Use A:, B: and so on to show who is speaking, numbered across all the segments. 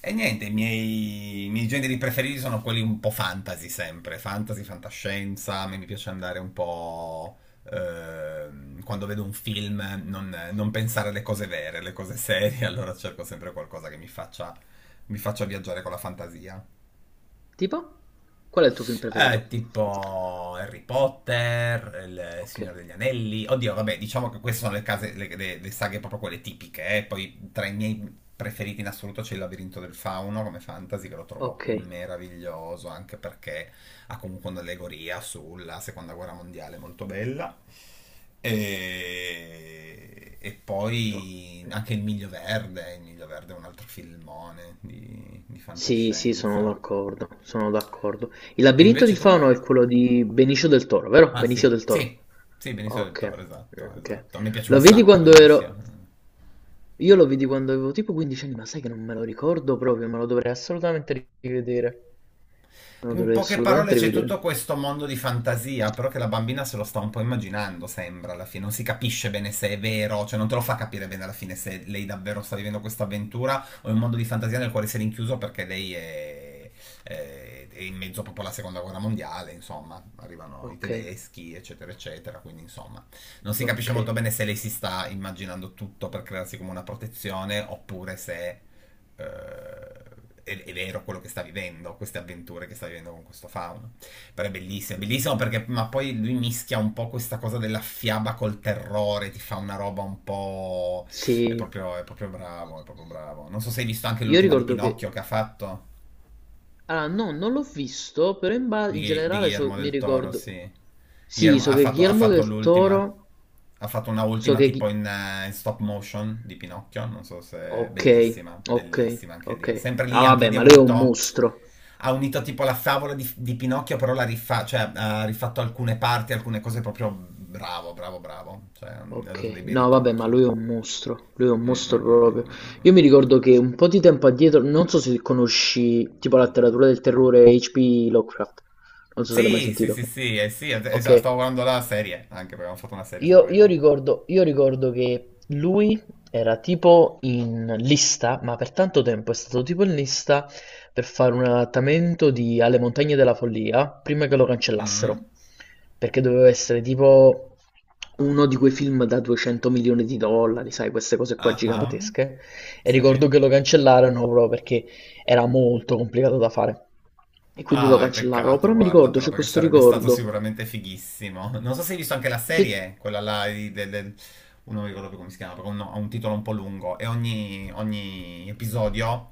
A: E niente, i miei generi preferiti sono quelli un po' fantasy sempre, fantasy, fantascienza, a me mi piace andare un po'... quando vedo un film non pensare alle cose vere, alle cose serie, allora cerco sempre qualcosa che mi faccia viaggiare con la fantasia.
B: Tipo? Qual è il tuo film preferito?
A: Tipo Harry Potter, Il
B: Ok,
A: Signore degli Anelli. Oddio, vabbè, diciamo che queste sono le, case, le saghe proprio quelle tipiche. Poi tra i miei preferiti in assoluto c'è Il Labirinto del Fauno come fantasy, che lo trovo
B: ok,
A: meraviglioso anche perché ha comunque un'allegoria sulla seconda guerra mondiale molto bella. E
B: ok.
A: poi anche Il Miglio Verde. Il Miglio Verde è un altro filmone di
B: Sì, sì, sono
A: fantascienza.
B: d'accordo, sono d'accordo. Il
A: E
B: labirinto di
A: invece tu?
B: Fauno è quello di Benicio del Toro, vero?
A: Ah
B: Benicio
A: sì,
B: del
A: sì,
B: Toro.
A: sì, Benicio del Toro,
B: Ok,
A: esatto,
B: ok.
A: esatto. Mi piace un
B: Lo vedi
A: sacco
B: quando ero...
A: Benicio.
B: Io lo vidi quando avevo tipo 15 anni, ma sai che non me lo ricordo proprio, me lo dovrei assolutamente rivedere. Me lo
A: In
B: dovrei
A: poche parole
B: assolutamente
A: c'è tutto
B: rivedere.
A: questo mondo di fantasia, però che la bambina se lo sta un po' immaginando, sembra alla fine, non si capisce bene se è vero, cioè non te lo fa capire bene alla fine se lei davvero sta vivendo questa avventura o è un mondo di fantasia nel quale si è rinchiuso perché lei è, è in mezzo proprio alla seconda guerra mondiale, insomma, arrivano i
B: Ok,
A: tedeschi, eccetera, eccetera, quindi insomma, non si capisce
B: ok.
A: molto bene se lei si sta immaginando tutto per crearsi come una protezione oppure se eh, è vero quello che sta vivendo, queste avventure che sta vivendo con questo fauno. Però è bellissimo perché, ma poi lui mischia un po' questa cosa della fiaba col terrore, ti fa una roba un po'...
B: Sì,
A: è proprio bravo, è proprio bravo. Non so se hai visto anche
B: io
A: l'ultima di
B: ricordo che...
A: Pinocchio che ha fatto.
B: Ah, no, non l'ho visto, in
A: Di
B: generale
A: Guillermo
B: mi
A: del Toro,
B: ricordo...
A: sì.
B: Sì,
A: Guillermo-
B: so
A: ha
B: che
A: fatto, ha
B: Guillermo
A: fatto
B: del
A: l'ultima.
B: Toro...
A: Ha fatto una
B: So
A: ultima
B: che...
A: tipo
B: Ghi-
A: in stop motion di Pinocchio. Non so se è
B: Ok,
A: bellissima,
B: ok,
A: bellissima anche
B: ok.
A: lì. Sempre
B: Ah,
A: lì, anche
B: vabbè,
A: lì ha
B: ma lui è un
A: unito.
B: mostro.
A: Ha unito tipo la favola di Pinocchio, però cioè, ha rifatto alcune parti, alcune cose proprio bravo, bravo, bravo. Cioè, ha dato dei
B: Ok,
A: bei
B: no, vabbè, ma
A: ritocchi.
B: lui è un mostro. Lui è un
A: Mm, mm,
B: mostro
A: mm, mm,
B: proprio.
A: mm, mm. Mm.
B: Io mi ricordo che un po' di tempo addietro, non so se conosci tipo la letteratura del terrore H.P. Lovecraft. Non so se l'hai mai
A: Sì, sì,
B: sentito.
A: sì, sì, sì, già,
B: Ok.
A: stavo guardando la serie, anche perché abbiamo fatto una serie su
B: Io
A: quello.
B: ricordo, io ricordo che lui era tipo in lista, ma per tanto tempo è stato tipo in lista per fare un adattamento di Alle Montagne della Follia prima che lo cancellassero,
A: Mm.
B: perché doveva essere tipo uno di quei film da 200 milioni di dollari, sai, queste cose qua
A: Ah,
B: gigantesche. E
A: sì.
B: ricordo che lo cancellarono proprio perché era molto complicato da fare. E quindi lo
A: Ah, è
B: cancellarono,
A: peccato,
B: però mi
A: guarda,
B: ricordo,
A: però,
B: c'è
A: perché
B: questo
A: sarebbe stato
B: ricordo.
A: sicuramente fighissimo. Non so se hai visto anche la
B: Sì,
A: serie, quella là oh, non mi ricordo più come si chiama, però no, ha un titolo un po' lungo e ogni episodio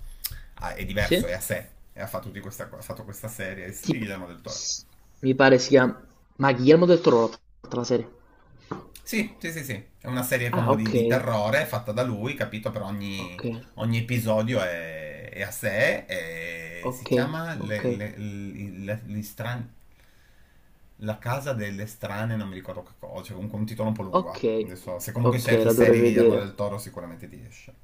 A: è diverso, è
B: sì.
A: a sé. E ha fatto questa serie,
B: E
A: si
B: tipo,
A: divide del Toro.
B: s- mi pare sia... Ma Guillermo del Toro l'ha fatta la serie.
A: Sì, sì, sì, sì. È una serie
B: Ah,
A: come
B: ok.
A: di terrore fatta da lui, capito? Per ogni,
B: Ok.
A: ogni episodio è a sé e si
B: Ok.
A: chiama
B: Ok.
A: La casa delle strane, non mi ricordo che cosa, cioè comunque un titolo un po' lungo.
B: Ok.
A: Ah. Adesso, se comunque
B: Ok,
A: cerchi
B: la dovrei
A: serie Guillermo
B: vedere.
A: del Toro sicuramente ti esce.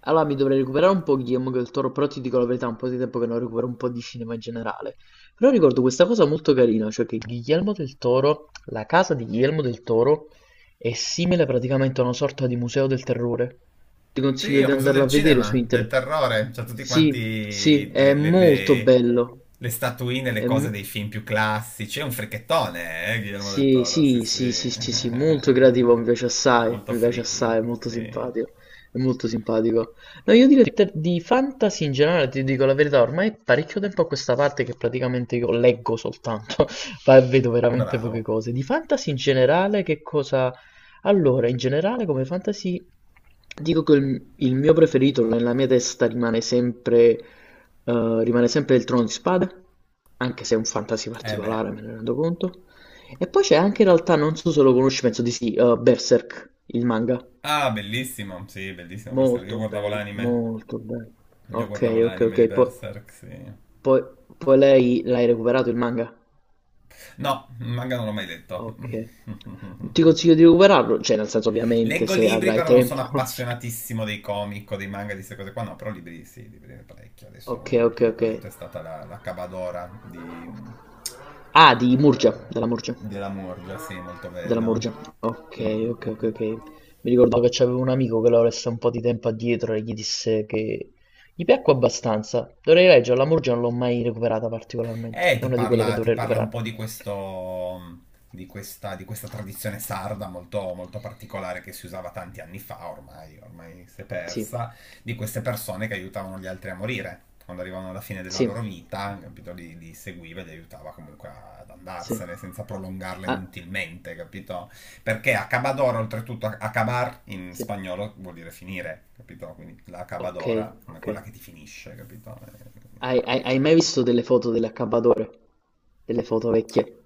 B: Allora mi dovrei recuperare un po' Guillermo del Toro, però ti dico la verità, è un po' di tempo che non recupero un po' di cinema in generale. Però ricordo questa cosa molto carina, cioè che Guillermo del Toro, la casa di Guillermo del Toro è simile praticamente a una sorta di museo del terrore. Ti
A: Sì,
B: consiglio
A: è
B: di
A: un museo
B: andarla
A: del
B: a vedere su
A: cinema, del
B: internet.
A: terrore. C'ha tutti
B: Sì, sì,
A: quanti
B: è
A: le, le-
B: molto
A: le-
B: bello.
A: le statuine, le
B: È
A: cose
B: m-
A: dei film più classici. È un frichettone, Guillermo del
B: sì,
A: Toro. Sì,
B: sì,
A: sì.
B: sì, sì, sì, sì, molto creativo,
A: È molto
B: mi piace
A: friki.
B: assai, è molto
A: Sì.
B: simpatico, è molto simpatico. No, io di fantasy in generale, ti dico la verità, ormai è parecchio tempo a questa parte che praticamente io leggo soltanto, ma vedo veramente poche
A: Bravo.
B: cose. Di fantasy in generale, che cosa... Allora, in generale come fantasy dico che il mio preferito nella mia testa rimane sempre il Trono di Spade, anche se è un fantasy
A: Eh beh.
B: particolare, me ne rendo conto. E poi c'è anche in realtà, non so se lo conosci, penso di sì, Berserk, il manga.
A: Ah, bellissimo. Sì, bellissimo Berserk. Io
B: Molto
A: guardavo
B: bello,
A: l'anime.
B: molto bello.
A: Io
B: Ok,
A: guardavo
B: ok,
A: l'anime di
B: ok. po-
A: Berserk, sì.
B: poi, poi lei l'hai recuperato il manga?
A: No, il manga non l'ho mai letto.
B: Ok. Ti consiglio di recuperarlo, cioè nel senso ovviamente
A: Leggo
B: se
A: libri,
B: avrai
A: però non sono
B: tempo.
A: appassionatissimo dei comic o dei manga, di queste cose qua. No, però libri sì, libri ne parecchio. Adesso uno, l'ultimo che
B: Ok.
A: ho letto è stata la Cabadora di...
B: Ah, di Murgia,
A: eh,
B: della Murgia.
A: della Morgia, sì, molto
B: Della
A: bello.
B: Murgia. Ok,
A: Mm, mm, mm. Mm.
B: ok. Mi ricordavo che c'avevo un amico che l'ho lessa un po' di tempo addietro e gli disse che gli piacque abbastanza. Dovrei leggerla, La Murgia non l'ho mai recuperata particolarmente.
A: E
B: È
A: ti
B: una di quelle che
A: parla, ti
B: dovrei
A: parla un
B: recuperare.
A: po' di questo, di questa tradizione sarda molto, molto particolare che si usava tanti anni fa, ormai, ormai si è
B: Sì,
A: persa, di queste persone che aiutavano gli altri a morire. Quando arrivavano alla fine della
B: sì,
A: loro vita, capito, li seguiva e li aiutava comunque ad
B: sì.
A: andarsene senza prolungarla
B: Ah,
A: inutilmente, capito? Perché acabadora, oltretutto, acabar in
B: sì.
A: spagnolo vuol dire finire, capito? Quindi la
B: Ok,
A: acabadora, come
B: ok.
A: quella che ti finisce, capito?
B: Hai mai visto delle foto dell'accabbadore? Delle foto vecchie?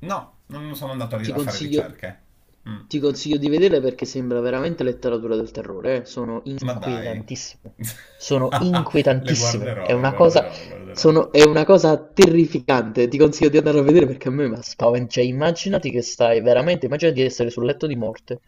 A: No, non sono andato a ri-
B: Ti
A: a fare
B: consiglio,
A: ricerche. Mm,
B: ti consiglio di vederle perché sembra veramente letteratura del terrore, eh. Sono
A: ma dai.
B: inquietantissime. Sono
A: Le
B: inquietantissime,
A: guarderò,
B: è
A: le
B: una cosa
A: guarderò, le guarderò.
B: sono è una cosa terrificante, ti consiglio di andarlo a vedere perché a me m'ha spaven cioè immaginati che stai veramente immaginati di essere sul letto di morte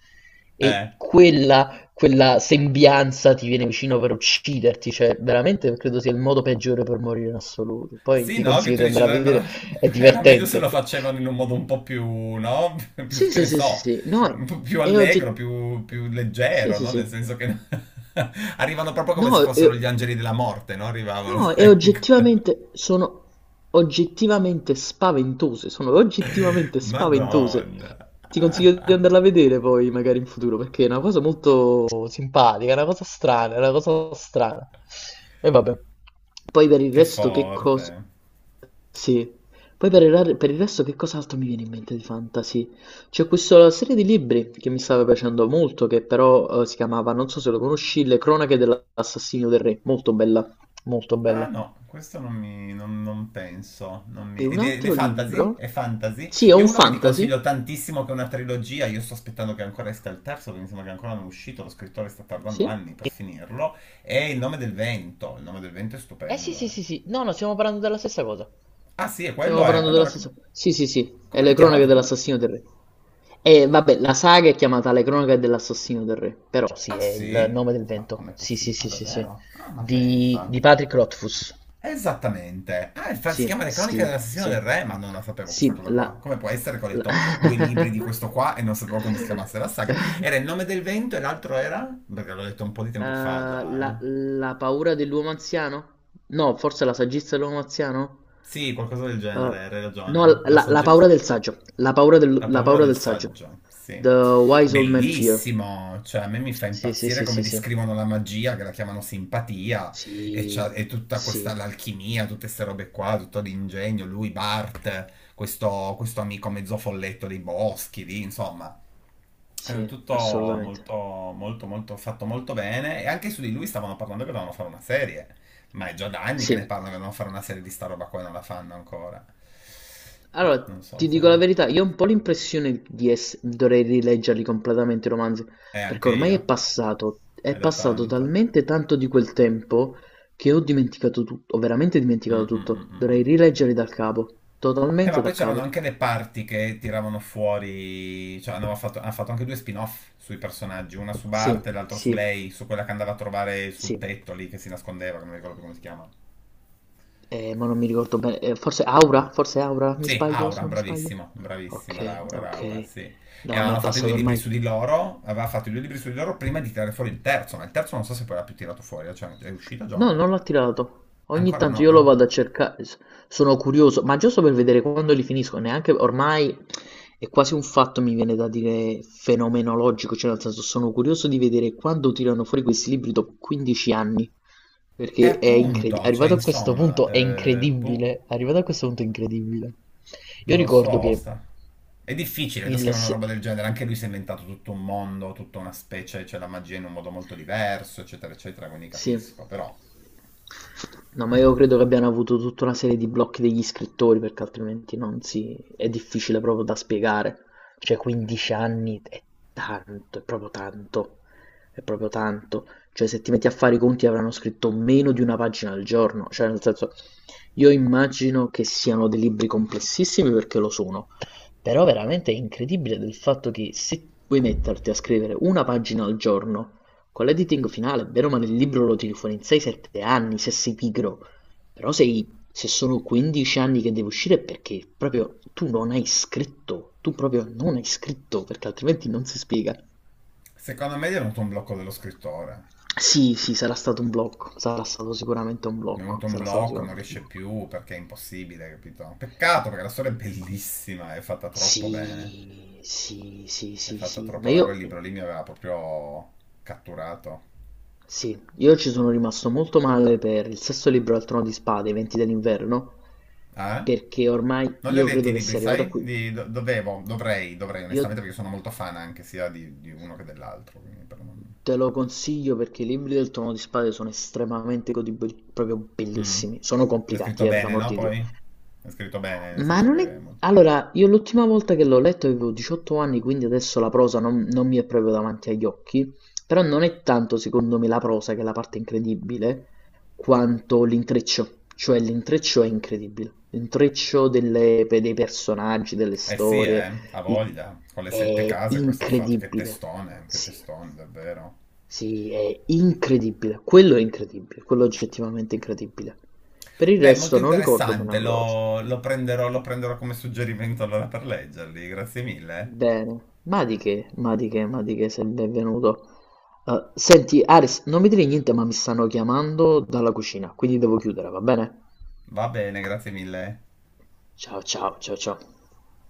B: e
A: Eh.
B: quella sembianza ti viene vicino per ucciderti, cioè veramente credo sia il modo peggiore per morire in assoluto. Poi
A: Sì,
B: ti
A: no, che
B: consiglio
A: tu
B: di
A: dici,
B: andare a vedere,
A: dovrebbero-
B: è
A: era meglio se
B: divertente.
A: lo facevano in un modo un po' più, no? Più,
B: Sì,
A: che
B: sì,
A: ne
B: sì, sì,
A: so,
B: sì.
A: un
B: No,
A: po' più
B: è ogget
A: allegro, più, più
B: sì,
A: leggero,
B: sì,
A: no? Nel
B: sì.
A: senso che arrivano proprio
B: No,
A: come se
B: e
A: fossero gli angeli della morte, no? Arrivavano,
B: no, e
A: sai?
B: oggettivamente sono oggettivamente spaventose, sono oggettivamente spaventose.
A: Madonna,
B: Ti consiglio di andarla a vedere poi, magari in futuro, perché è una cosa molto simpatica, è una cosa strana, è una cosa strana. E vabbè. Poi per il
A: che
B: resto che cosa...
A: forte.
B: Sì. Poi per il resto che cos'altro mi viene in mente di fantasy? C'è questa serie di libri che mi stava piacendo molto, che però si chiamava, non so se lo conosci, Le cronache della L'assassino del re, molto bella, molto
A: Ah
B: bella.
A: no, questo non mi... non penso. Non
B: E
A: mi...
B: un
A: Ed è
B: altro
A: fantasy? È
B: libro?
A: fantasy?
B: Sì, è
A: Io
B: un
A: uno che ti
B: fantasy.
A: consiglio tantissimo, che è una trilogia, io sto aspettando che ancora esca il terzo, perché mi sembra che ancora non è uscito, lo scrittore sta tardando
B: Sì?
A: anni per finirlo, è Il nome del vento. Il nome del vento è stupendo,
B: Sì,
A: eh.
B: sì, sì, No, no, stiamo parlando della stessa cosa.
A: Ah sì, e
B: Stiamo
A: quello è...
B: parlando della
A: Allora, com-
B: stessa cosa. Sì, sì, sì. È
A: come l'hai
B: le cronache
A: chiamato tu?
B: dell'assassino del re. E vabbè, la saga è chiamata Le cronache dell'assassino del re, però sì,
A: Ah
B: è il
A: sì?
B: nome del
A: Ma
B: vento.
A: com'è
B: Sì, sì,
A: possibile? Ah
B: sì, sì, sì.
A: davvero? Ah, ma
B: Di,
A: pensa.
B: di Patrick Rothfuss.
A: Esattamente. Ah, infatti si
B: Sì,
A: chiama Le Cronache
B: sì,
A: dell'Assassino
B: sì.
A: del Re, ma non la sapevo questa
B: Sì,
A: cosa
B: la...
A: qua. Come può essere che ho letto due libri
B: la-
A: di questo qua e non sapevo come si chiamasse la saga? Era Il nome del vento e l'altro era? Perché l'ho letto un po' di
B: Eh,
A: tempo fa già, eh.
B: la, la paura dell'uomo anziano? No, forse la saggezza dell'uomo anziano?
A: Sì, qualcosa del
B: Eh,
A: genere, hai
B: no,
A: ragione. La
B: la, la paura
A: saggezza.
B: del saggio. La paura
A: La
B: la
A: paura
B: paura
A: del
B: del saggio.
A: saggio, sì.
B: The Wise Old Man Fear.
A: Bellissimo, cioè a me mi fa
B: Sì, sì,
A: impazzire
B: sì,
A: come
B: sì, sì.
A: descrivono la magia, che la chiamano simpatia, e,
B: Sì,
A: e tutta
B: sì,
A: questa l'alchimia, tutte queste robe qua, tutto l'ingegno, lui, Bart, questo amico mezzo folletto dei boschi, lì, insomma.
B: sì,
A: È tutto
B: assolutamente.
A: molto, molto, molto fatto molto bene, e anche su di lui stavano parlando che dovevano fare una serie, ma è già da anni
B: Sì.
A: che ne parlano che dovevano fare una serie di sta roba qua e non la fanno ancora. Boh, non
B: Allora,
A: so
B: ti
A: se...
B: dico la verità, io ho un po' l'impressione di dovrei rileggerli completamente i romanzi,
A: E
B: perché
A: anche
B: ormai
A: io.
B: è
A: È da
B: passato
A: tanto.
B: talmente tanto di quel tempo che ho dimenticato tutto, ho veramente dimenticato
A: Mm, mm, mm,
B: tutto.
A: mm,
B: Dovrei
A: mm.
B: rileggerli dal capo, totalmente
A: Ma poi
B: da
A: c'erano
B: capo.
A: anche le parti che tiravano fuori, cioè hanno fatto anche due spin-off sui personaggi, una su
B: Sì,
A: Bart e l'altra su
B: sì,
A: lei, su quella che andava a trovare sul
B: sì,
A: tetto lì che si nascondeva, che non mi ricordo più come si chiama.
B: ma non mi ricordo bene,
A: Mm.
B: Forse Aura, mi
A: Sì,
B: sbaglio, se
A: Aura,
B: non mi sbaglio.
A: bravissimo, bravissimo,
B: Ok,
A: Era Aura,
B: ok.
A: sì. E
B: No, ma è
A: avevano fatto i due
B: passato
A: libri
B: ormai
A: su di loro, aveva fatto i due libri su di loro prima di tirare fuori il terzo, ma il terzo non so se poi l'ha più tirato fuori, cioè è uscito già o
B: No,
A: no?
B: non l'ho tirato. Ogni
A: Ancora
B: tanto
A: no,
B: io lo
A: no?
B: vado a cercare, s- sono curioso, ma giusto per vedere quando li finisco, neanche ormai è quasi un fatto, mi viene da dire, fenomenologico, cioè nel senso sono curioso di vedere quando tirano fuori questi libri dopo 15 anni,
A: E
B: perché è incredibile,
A: appunto, cioè
B: arrivato a questo
A: insomma,
B: punto è
A: boh.
B: incredibile, arrivato a questo punto è incredibile. Io
A: Non lo so,
B: ricordo che
A: Osta. È difficile da
B: il...
A: scrivere una
B: se-
A: roba del genere, anche lui si è inventato tutto un mondo, tutta una specie, c'è la magia in un modo molto diverso, eccetera, eccetera, quindi
B: Sì.
A: capisco, però
B: No, ma io credo che abbiano avuto tutta una serie di blocchi degli scrittori, perché altrimenti non si... è difficile proprio da spiegare. Cioè, 15 anni è tanto, è proprio tanto, è proprio tanto. Cioè, se ti metti a fare i conti avranno scritto meno di una pagina al giorno. Cioè, nel senso, io immagino che siano dei libri complessissimi perché lo sono, però veramente è incredibile del fatto che se puoi metterti a scrivere una pagina al giorno con l'editing finale, bene o male, il libro lo tiri fuori in 6-7 anni, se sei pigro. Però sei, se sono 15 anni che deve uscire è perché proprio tu non hai scritto, tu proprio non hai scritto, perché altrimenti non si spiega.
A: secondo me gli è venuto un blocco dello scrittore.
B: Sì, sì, sarà stato un blocco, sarà stato sicuramente un
A: Mi è
B: blocco,
A: venuto un
B: sarà stato
A: blocco, non
B: sicuramente un
A: riesce
B: blocco.
A: più perché è impossibile, capito? Peccato perché la storia è bellissima, è fatta troppo bene,
B: Sì, sì, sì,
A: è
B: sì,
A: fatta
B: sì, ma
A: troppo bene, quel
B: io
A: libro lì mi aveva proprio catturato.
B: Sì, io ci sono rimasto molto male per il sesto libro al Trono di Spade, i Venti dell'Inverno,
A: Ah?
B: perché ormai
A: Non li ho
B: io
A: letti i
B: credo che
A: libri,
B: sia arrivato a
A: sai?
B: qui.
A: Dovevo, dovrei,
B: Io
A: onestamente, perché sono molto fan anche sia di uno che dell'altro. Quindi per non...
B: te lo consiglio perché i libri del Trono di Spade sono estremamente godibili, proprio
A: Mm.
B: bellissimi. Sono
A: È
B: complicati,
A: scritto
B: per
A: bene,
B: l'amor
A: no?
B: di Dio.
A: Poi? È scritto bene, nel
B: Ma
A: senso
B: non è...
A: che... è molto-
B: Allora, io l'ultima volta che l'ho letto avevo 18 anni, quindi adesso la prosa non mi è proprio davanti agli occhi, però non è tanto secondo me la prosa che è la parte incredibile, quanto l'intreccio, cioè l'intreccio è incredibile, l'intreccio dei personaggi, delle
A: Eh sì,
B: storie,
A: ha
B: di-
A: voglia. Con le sette
B: è
A: case questo ha fatto.
B: incredibile,
A: Che
B: sì,
A: testone, davvero.
B: sì, è incredibile, quello è incredibile, quello è oggettivamente incredibile. Per il
A: Beh, molto
B: resto non ricordo bene
A: interessante,
B: la prosa.
A: lo prenderò come suggerimento allora per leggerli. Grazie mille.
B: Bene, ma di che, ma di che, ma di che sei il benvenuto. Senti, Aris, non mi dire niente, ma mi stanno chiamando dalla cucina, quindi devo chiudere, va bene?
A: Va bene, grazie mille.
B: Ciao, ciao, ciao, ciao.